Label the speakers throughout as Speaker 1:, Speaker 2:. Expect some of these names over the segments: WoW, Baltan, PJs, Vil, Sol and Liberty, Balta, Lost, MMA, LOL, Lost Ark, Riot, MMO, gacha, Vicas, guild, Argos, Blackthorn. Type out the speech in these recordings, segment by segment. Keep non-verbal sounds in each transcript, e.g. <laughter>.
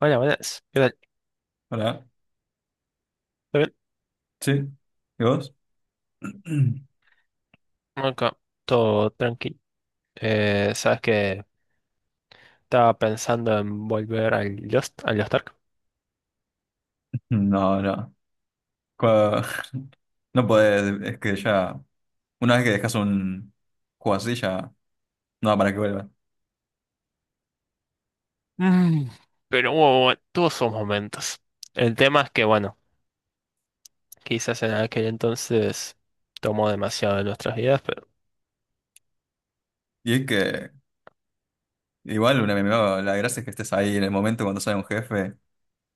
Speaker 1: Buenas, buenas. ¿Qué tal?
Speaker 2: Hola,
Speaker 1: ¿Todo bien?
Speaker 2: ¿sí? ¿Y vos? <clears throat>
Speaker 1: Acá, todo tranqui. Sabes que estaba pensando en volver al Lost Ark.
Speaker 2: No, no. Cua- <laughs> No podés, es que ya, una vez que dejas un juego así, ya no da para que vuelva.
Speaker 1: Mm, Pero tuvo sus momentos. El tema es que, bueno, quizás en aquel entonces tomó demasiado de nuestras vidas, pero
Speaker 2: Y es que, igual, un MMO, la gracia es que estés ahí en el momento cuando sale un jefe,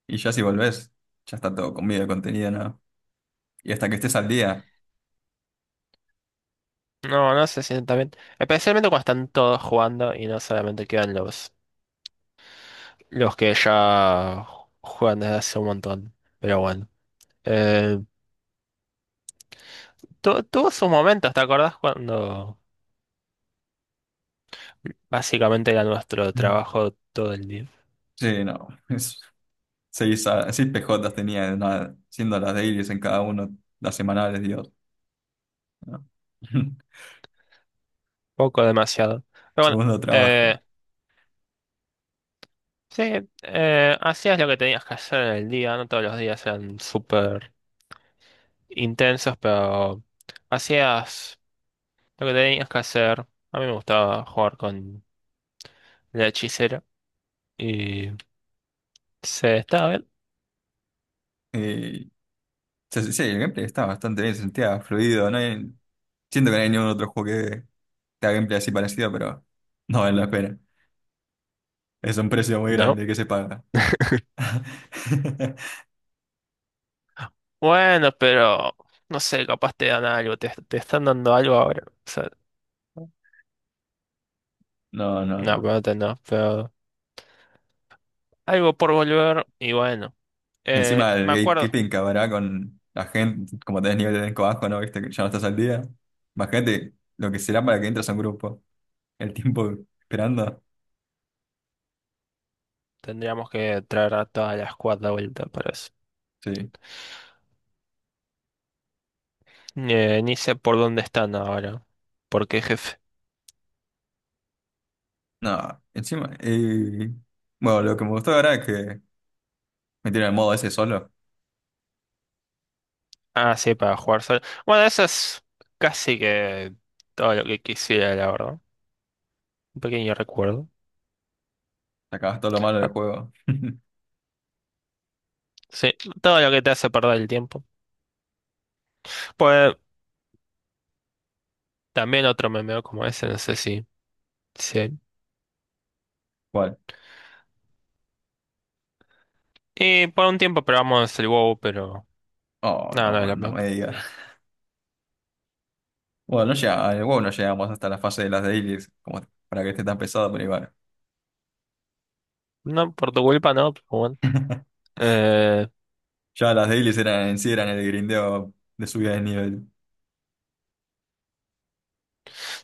Speaker 2: y ya si volvés, ya está todo comido, contenido, ¿no? Y hasta que estés al día.
Speaker 1: no, no se siente bien. Especialmente cuando están todos jugando y no solamente quedan los que ya juegan desde hace un montón. Pero bueno, eh, tuvo sus momentos, ¿te acordás cuando? Básicamente era nuestro
Speaker 2: Mm.
Speaker 1: trabajo todo el día.
Speaker 2: Sí, no. <laughs> Es, 6 PJs tenía, nada, siendo las dailies en cada uno, las semanales, Dios, ¿no? <laughs>
Speaker 1: Poco demasiado. Pero bueno,
Speaker 2: Segundo trabajo.
Speaker 1: eh, sí, hacías lo que tenías que hacer en el día. No todos los días eran súper intensos, pero hacías lo que tenías que hacer. A mí me gustaba jugar con la hechicera. Y se estaba bien.
Speaker 2: Sí, sí, el gameplay está bastante bien, se sentía fluido. Siento que no hay ningún otro juego que te haga gameplay así parecido, pero no vale la pena. Es un precio muy
Speaker 1: No.
Speaker 2: grande que se paga. <laughs>
Speaker 1: Bueno, pero no sé, capaz te dan algo. Te están dando algo ahora. O sea,
Speaker 2: No, no,
Speaker 1: no,
Speaker 2: no.
Speaker 1: pero no, no, pero algo por volver. Y bueno,
Speaker 2: Y encima el
Speaker 1: me acuerdo.
Speaker 2: gatekeeping que habrá con la gente, como tenés nivel de elenco bajo, ¿no? Viste que ya no estás al día. Imagínate lo que será para que entres a un grupo. El tiempo esperando.
Speaker 1: Tendríamos que traer a toda la squad de vuelta para eso.
Speaker 2: Sí.
Speaker 1: Ni sé por dónde están ahora. ¿Por qué jefe?
Speaker 2: No, encima. Bueno, lo que me gustó ahora es que metieron el modo ese solo.
Speaker 1: Ah, sí, para jugar solo. Bueno, eso es casi que todo lo que quisiera, la verdad. Un pequeño recuerdo.
Speaker 2: Sacabas todo lo malo del
Speaker 1: Ah,
Speaker 2: juego. <laughs>
Speaker 1: sí, todo lo que te hace perder el tiempo. Pues también otro memeo como ese, no sé si. Sí.
Speaker 2: ¿Cuál?
Speaker 1: Y por un tiempo probamos el WoW, pero
Speaker 2: Oh,
Speaker 1: no, no es
Speaker 2: no,
Speaker 1: lo
Speaker 2: no
Speaker 1: mismo.
Speaker 2: me digas. Bueno, no llega, el WoW no llegamos hasta la fase de las dailies, como para que esté tan pesado, pero igual.
Speaker 1: No, por tu culpa no, pero bueno.
Speaker 2: <laughs>
Speaker 1: Eh,
Speaker 2: Ya las dailies eran en sí, eran el grindeo de subida de nivel.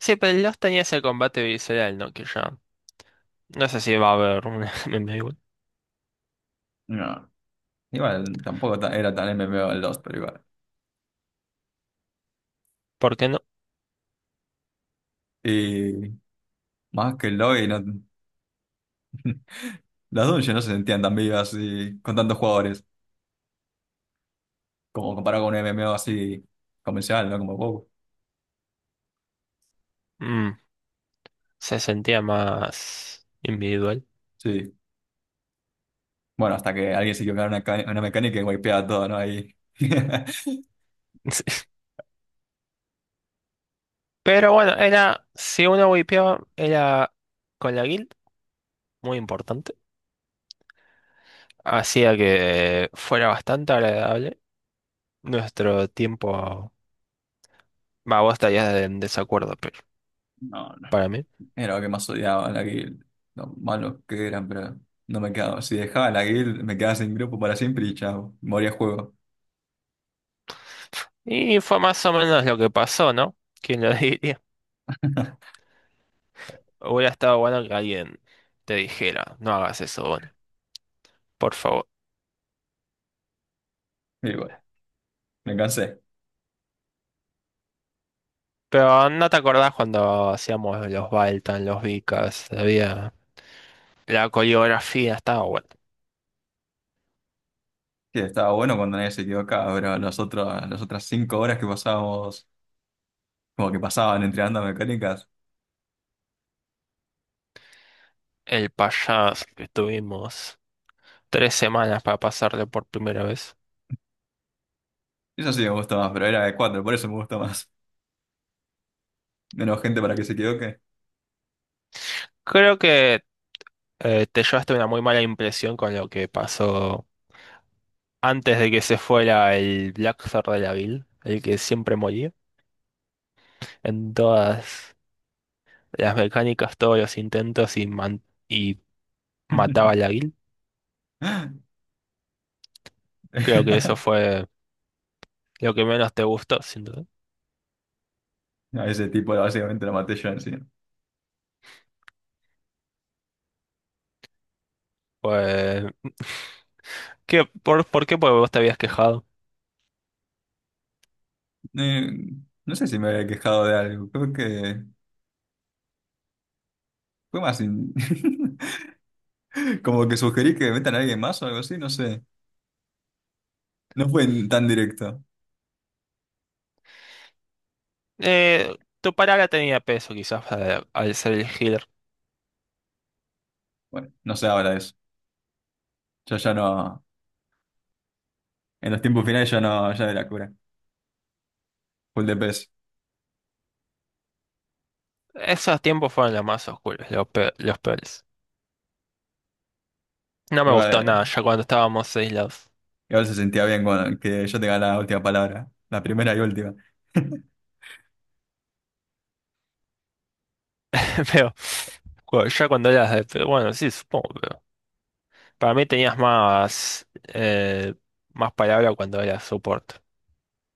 Speaker 1: sí, pero los tenías, el combate visceral, ¿no? Que ya. No sé si va a haber un <laughs> MMA igual.
Speaker 2: No, igual tampoco era tan MMO el Lost, pero igual.
Speaker 1: ¿Por qué no?
Speaker 2: Y más que el lobby, no, las dungeons no se sentían tan vivas y con tantos jugadores, como comparado con un MMO así convencional, ¿no? Como WoW.
Speaker 1: Mm, se sentía más individual.
Speaker 2: Sí. Bueno, hasta que alguien se equivocara en una, en una mecánica y wipeaba todo, ¿no? Ahí. <laughs>
Speaker 1: <laughs> Pero bueno, era, si uno wipeaba, era con la guild, muy importante. Hacía que fuera bastante agradable nuestro tiempo. Va, vos estarías en desacuerdo, pero para mí.
Speaker 2: Era lo que más odiaba, la guild. Lo malos que eran, pero no me quedaba. Si dejaba la guild, me quedaba sin grupo para siempre y chao. Moría el juego.
Speaker 1: Y fue más o menos lo que pasó, ¿no? ¿Quién lo <laughs> diría? Hubiera estado bueno que alguien te dijera, no hagas eso, Bonnie, por favor.
Speaker 2: Y bueno, me cansé.
Speaker 1: Pero no te acordás cuando hacíamos los Baltan, los Vicas, había la coreografía, estaba bueno.
Speaker 2: Sí, estaba bueno cuando nadie se equivocaba, pero las otras 5 horas que pasábamos, como que pasaban entrenando mecánicas,
Speaker 1: El payaso que estuvimos tres semanas para pasarlo por primera vez.
Speaker 2: eso sí me gusta más, pero era de cuatro, por eso me gusta más. <laughs> Menos gente para que se equivoque.
Speaker 1: Creo que te llevaste una muy mala impresión con lo que pasó antes de que se fuera el Black Blackthorn de la Vil, el que siempre moría. En todas las mecánicas, todos los intentos y mataba
Speaker 2: <laughs>
Speaker 1: a la Vil. Creo que eso fue lo que menos te gustó, sin duda.
Speaker 2: A ese tipo básicamente lo maté yo encima.
Speaker 1: Fue, ¿qué, por qué? Porque vos te habías quejado.
Speaker 2: Eh, no sé si me había quejado de algo, creo que fue más... <laughs> Como que sugerí que metan a alguien más o algo así, no sé. No fue tan directo.
Speaker 1: Eh, Tu palabra tenía peso, quizás, al ser el healer.
Speaker 2: Bueno, no sé ahora eso. Yo ya no. En los tiempos finales ya no, ya de la cura. Full de pez.
Speaker 1: Esos tiempos fueron los más oscuros, los peores. No me gustó
Speaker 2: Igual,
Speaker 1: nada ya cuando estábamos aislados.
Speaker 2: igual se sentía bien cuando, que yo tenga la última palabra. La primera y última. <laughs>
Speaker 1: <laughs> Pero ya cuando eras de... pero bueno, sí, supongo, pero... Para mí tenías más... eh, más palabra cuando eras soporte.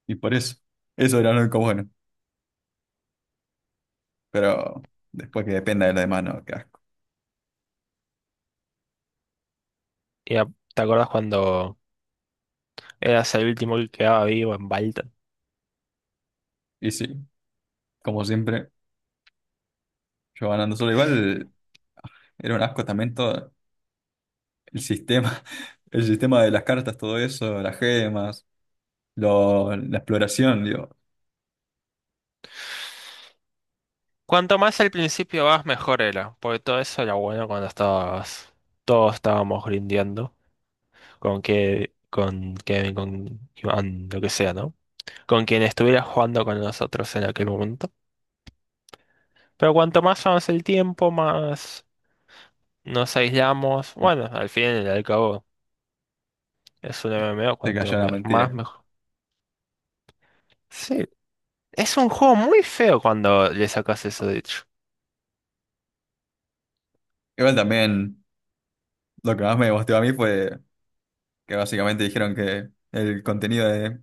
Speaker 2: Y por eso. Eso era lo único bueno. Pero después que dependa de los demás, no, qué asco.
Speaker 1: Y a- ¿Te acordás cuando eras el último que quedaba vivo en Balta?
Speaker 2: Y sí, como siempre, yo ganando solo. Igual era un asco también todo el sistema. <laughs> El sistema de las cartas, todo eso, las gemas. La exploración, digo,
Speaker 1: Cuanto más al principio vas, mejor era, porque todo eso era bueno cuando estabas, todos estábamos grindeando, con Iván, lo que sea, ¿no? Con quien estuviera jugando con nosotros en aquel momento. Pero cuanto más avanza el tiempo, más nos aislamos. Bueno, al fin y al cabo, es un MMO,
Speaker 2: se cayó la
Speaker 1: más
Speaker 2: mentira.
Speaker 1: mejor. Sí, es un juego muy feo cuando le sacas eso, de hecho.
Speaker 2: Igual también lo que más me gustó a mí fue que básicamente dijeron que el contenido de,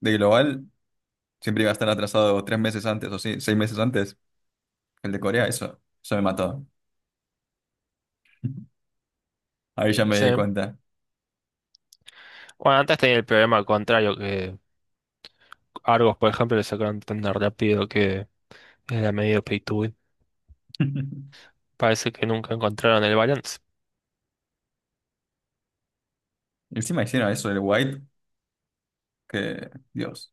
Speaker 2: de Global siempre iba a estar atrasado 3 meses antes o sí, 6 meses antes. El de Corea, eso me mató. <laughs> Ahí ya me
Speaker 1: Sí.
Speaker 2: di cuenta.
Speaker 1: Bueno, antes tenía el problema contrario, que Argos, por ejemplo, le sacaron tan rápido que era medio pay to win.
Speaker 2: <laughs>
Speaker 1: Parece que nunca encontraron el balance.
Speaker 2: Encima hicieron eso del White, que, Dios,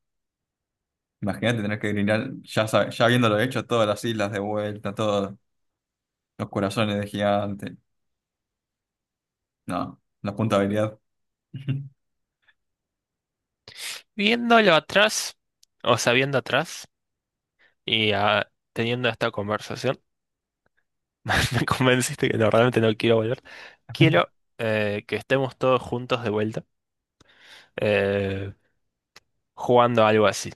Speaker 2: imagínate tener que grinar, ya, ya habiéndolo hecho, todas las islas de vuelta, todos los corazones de gigante. No, la puntabilidad. <laughs>
Speaker 1: Viéndolo atrás, o sabiendo atrás, y ah, teniendo esta conversación, <laughs> me convenciste que no, realmente no quiero volver. Quiero que estemos todos juntos de vuelta, eh, jugando algo así.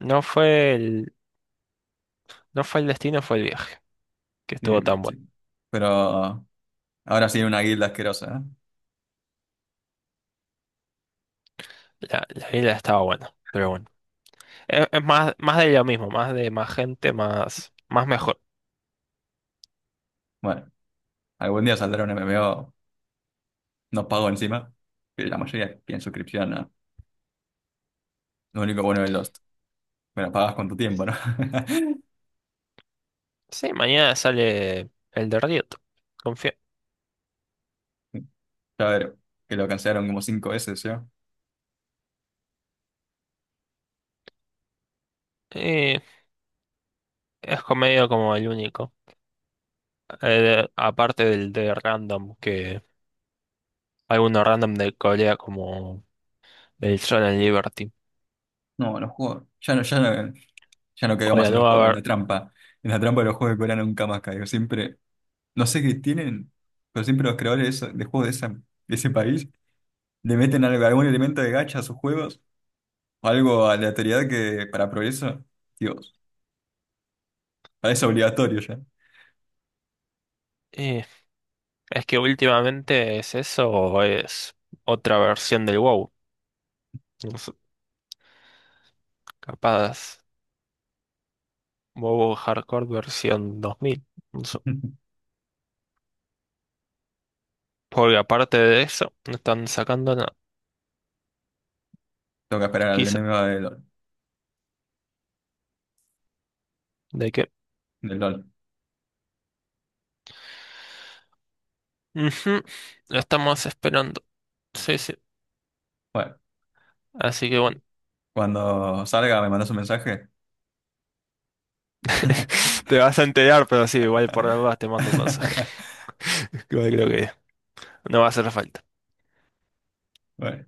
Speaker 1: No fue el, no fue el destino, fue el viaje, que
Speaker 2: Sí,
Speaker 1: estuvo tan bueno.
Speaker 2: sí. Pero. Ahora sí, una guilda asquerosa, ¿eh?
Speaker 1: La isla estaba buena, pero bueno. Es más, más de lo mismo, más gente, más mejor.
Speaker 2: Bueno, algún día saldrá un MMO, no pago encima, pero la mayoría piden suscripción, ¿no? Lo único bueno de Lost, bueno, pagas con tu tiempo, ¿no? <laughs>
Speaker 1: Sí, mañana sale el de Riot, confío.
Speaker 2: Ya ver, que lo cancelaron como 5 veces, ¿yo?
Speaker 1: Eh, Es comedia como el único. Aparte del de Random, que hay uno random de Corea como el Sol and Liberty.
Speaker 2: No, los juegos, ya no, ya no, ya no caigo
Speaker 1: O
Speaker 2: más
Speaker 1: la
Speaker 2: en los
Speaker 1: nueva
Speaker 2: juegos, en la
Speaker 1: ver...
Speaker 2: trampa, en la trampa de los juegos de Corea nunca más caigo, siempre, no sé qué tienen, pero siempre los creadores de juegos de ese país le meten algo, algún elemento de gacha a sus juegos, o algo aleatoriedad que para progreso, Dios, parece obligatorio ya.
Speaker 1: eh, es que últimamente es eso o es otra versión del WoW. No sé, capaz WoW Hardcore versión 2000. No sé.
Speaker 2: <laughs>
Speaker 1: Porque aparte de eso, no están sacando nada.
Speaker 2: Tengo que esperar al
Speaker 1: Quizá.
Speaker 2: MMO del LOL.
Speaker 1: ¿De qué?
Speaker 2: Del LOL.
Speaker 1: Ujú, lo estamos esperando. Sí, sí.
Speaker 2: Bueno,
Speaker 1: Así que bueno,
Speaker 2: cuando salga me mandas un mensaje.
Speaker 1: <laughs> te vas a
Speaker 2: <laughs>
Speaker 1: enterar, pero sí, igual por algo te mando un mensaje. <laughs> Creo que no va a hacer falta.
Speaker 2: Bueno.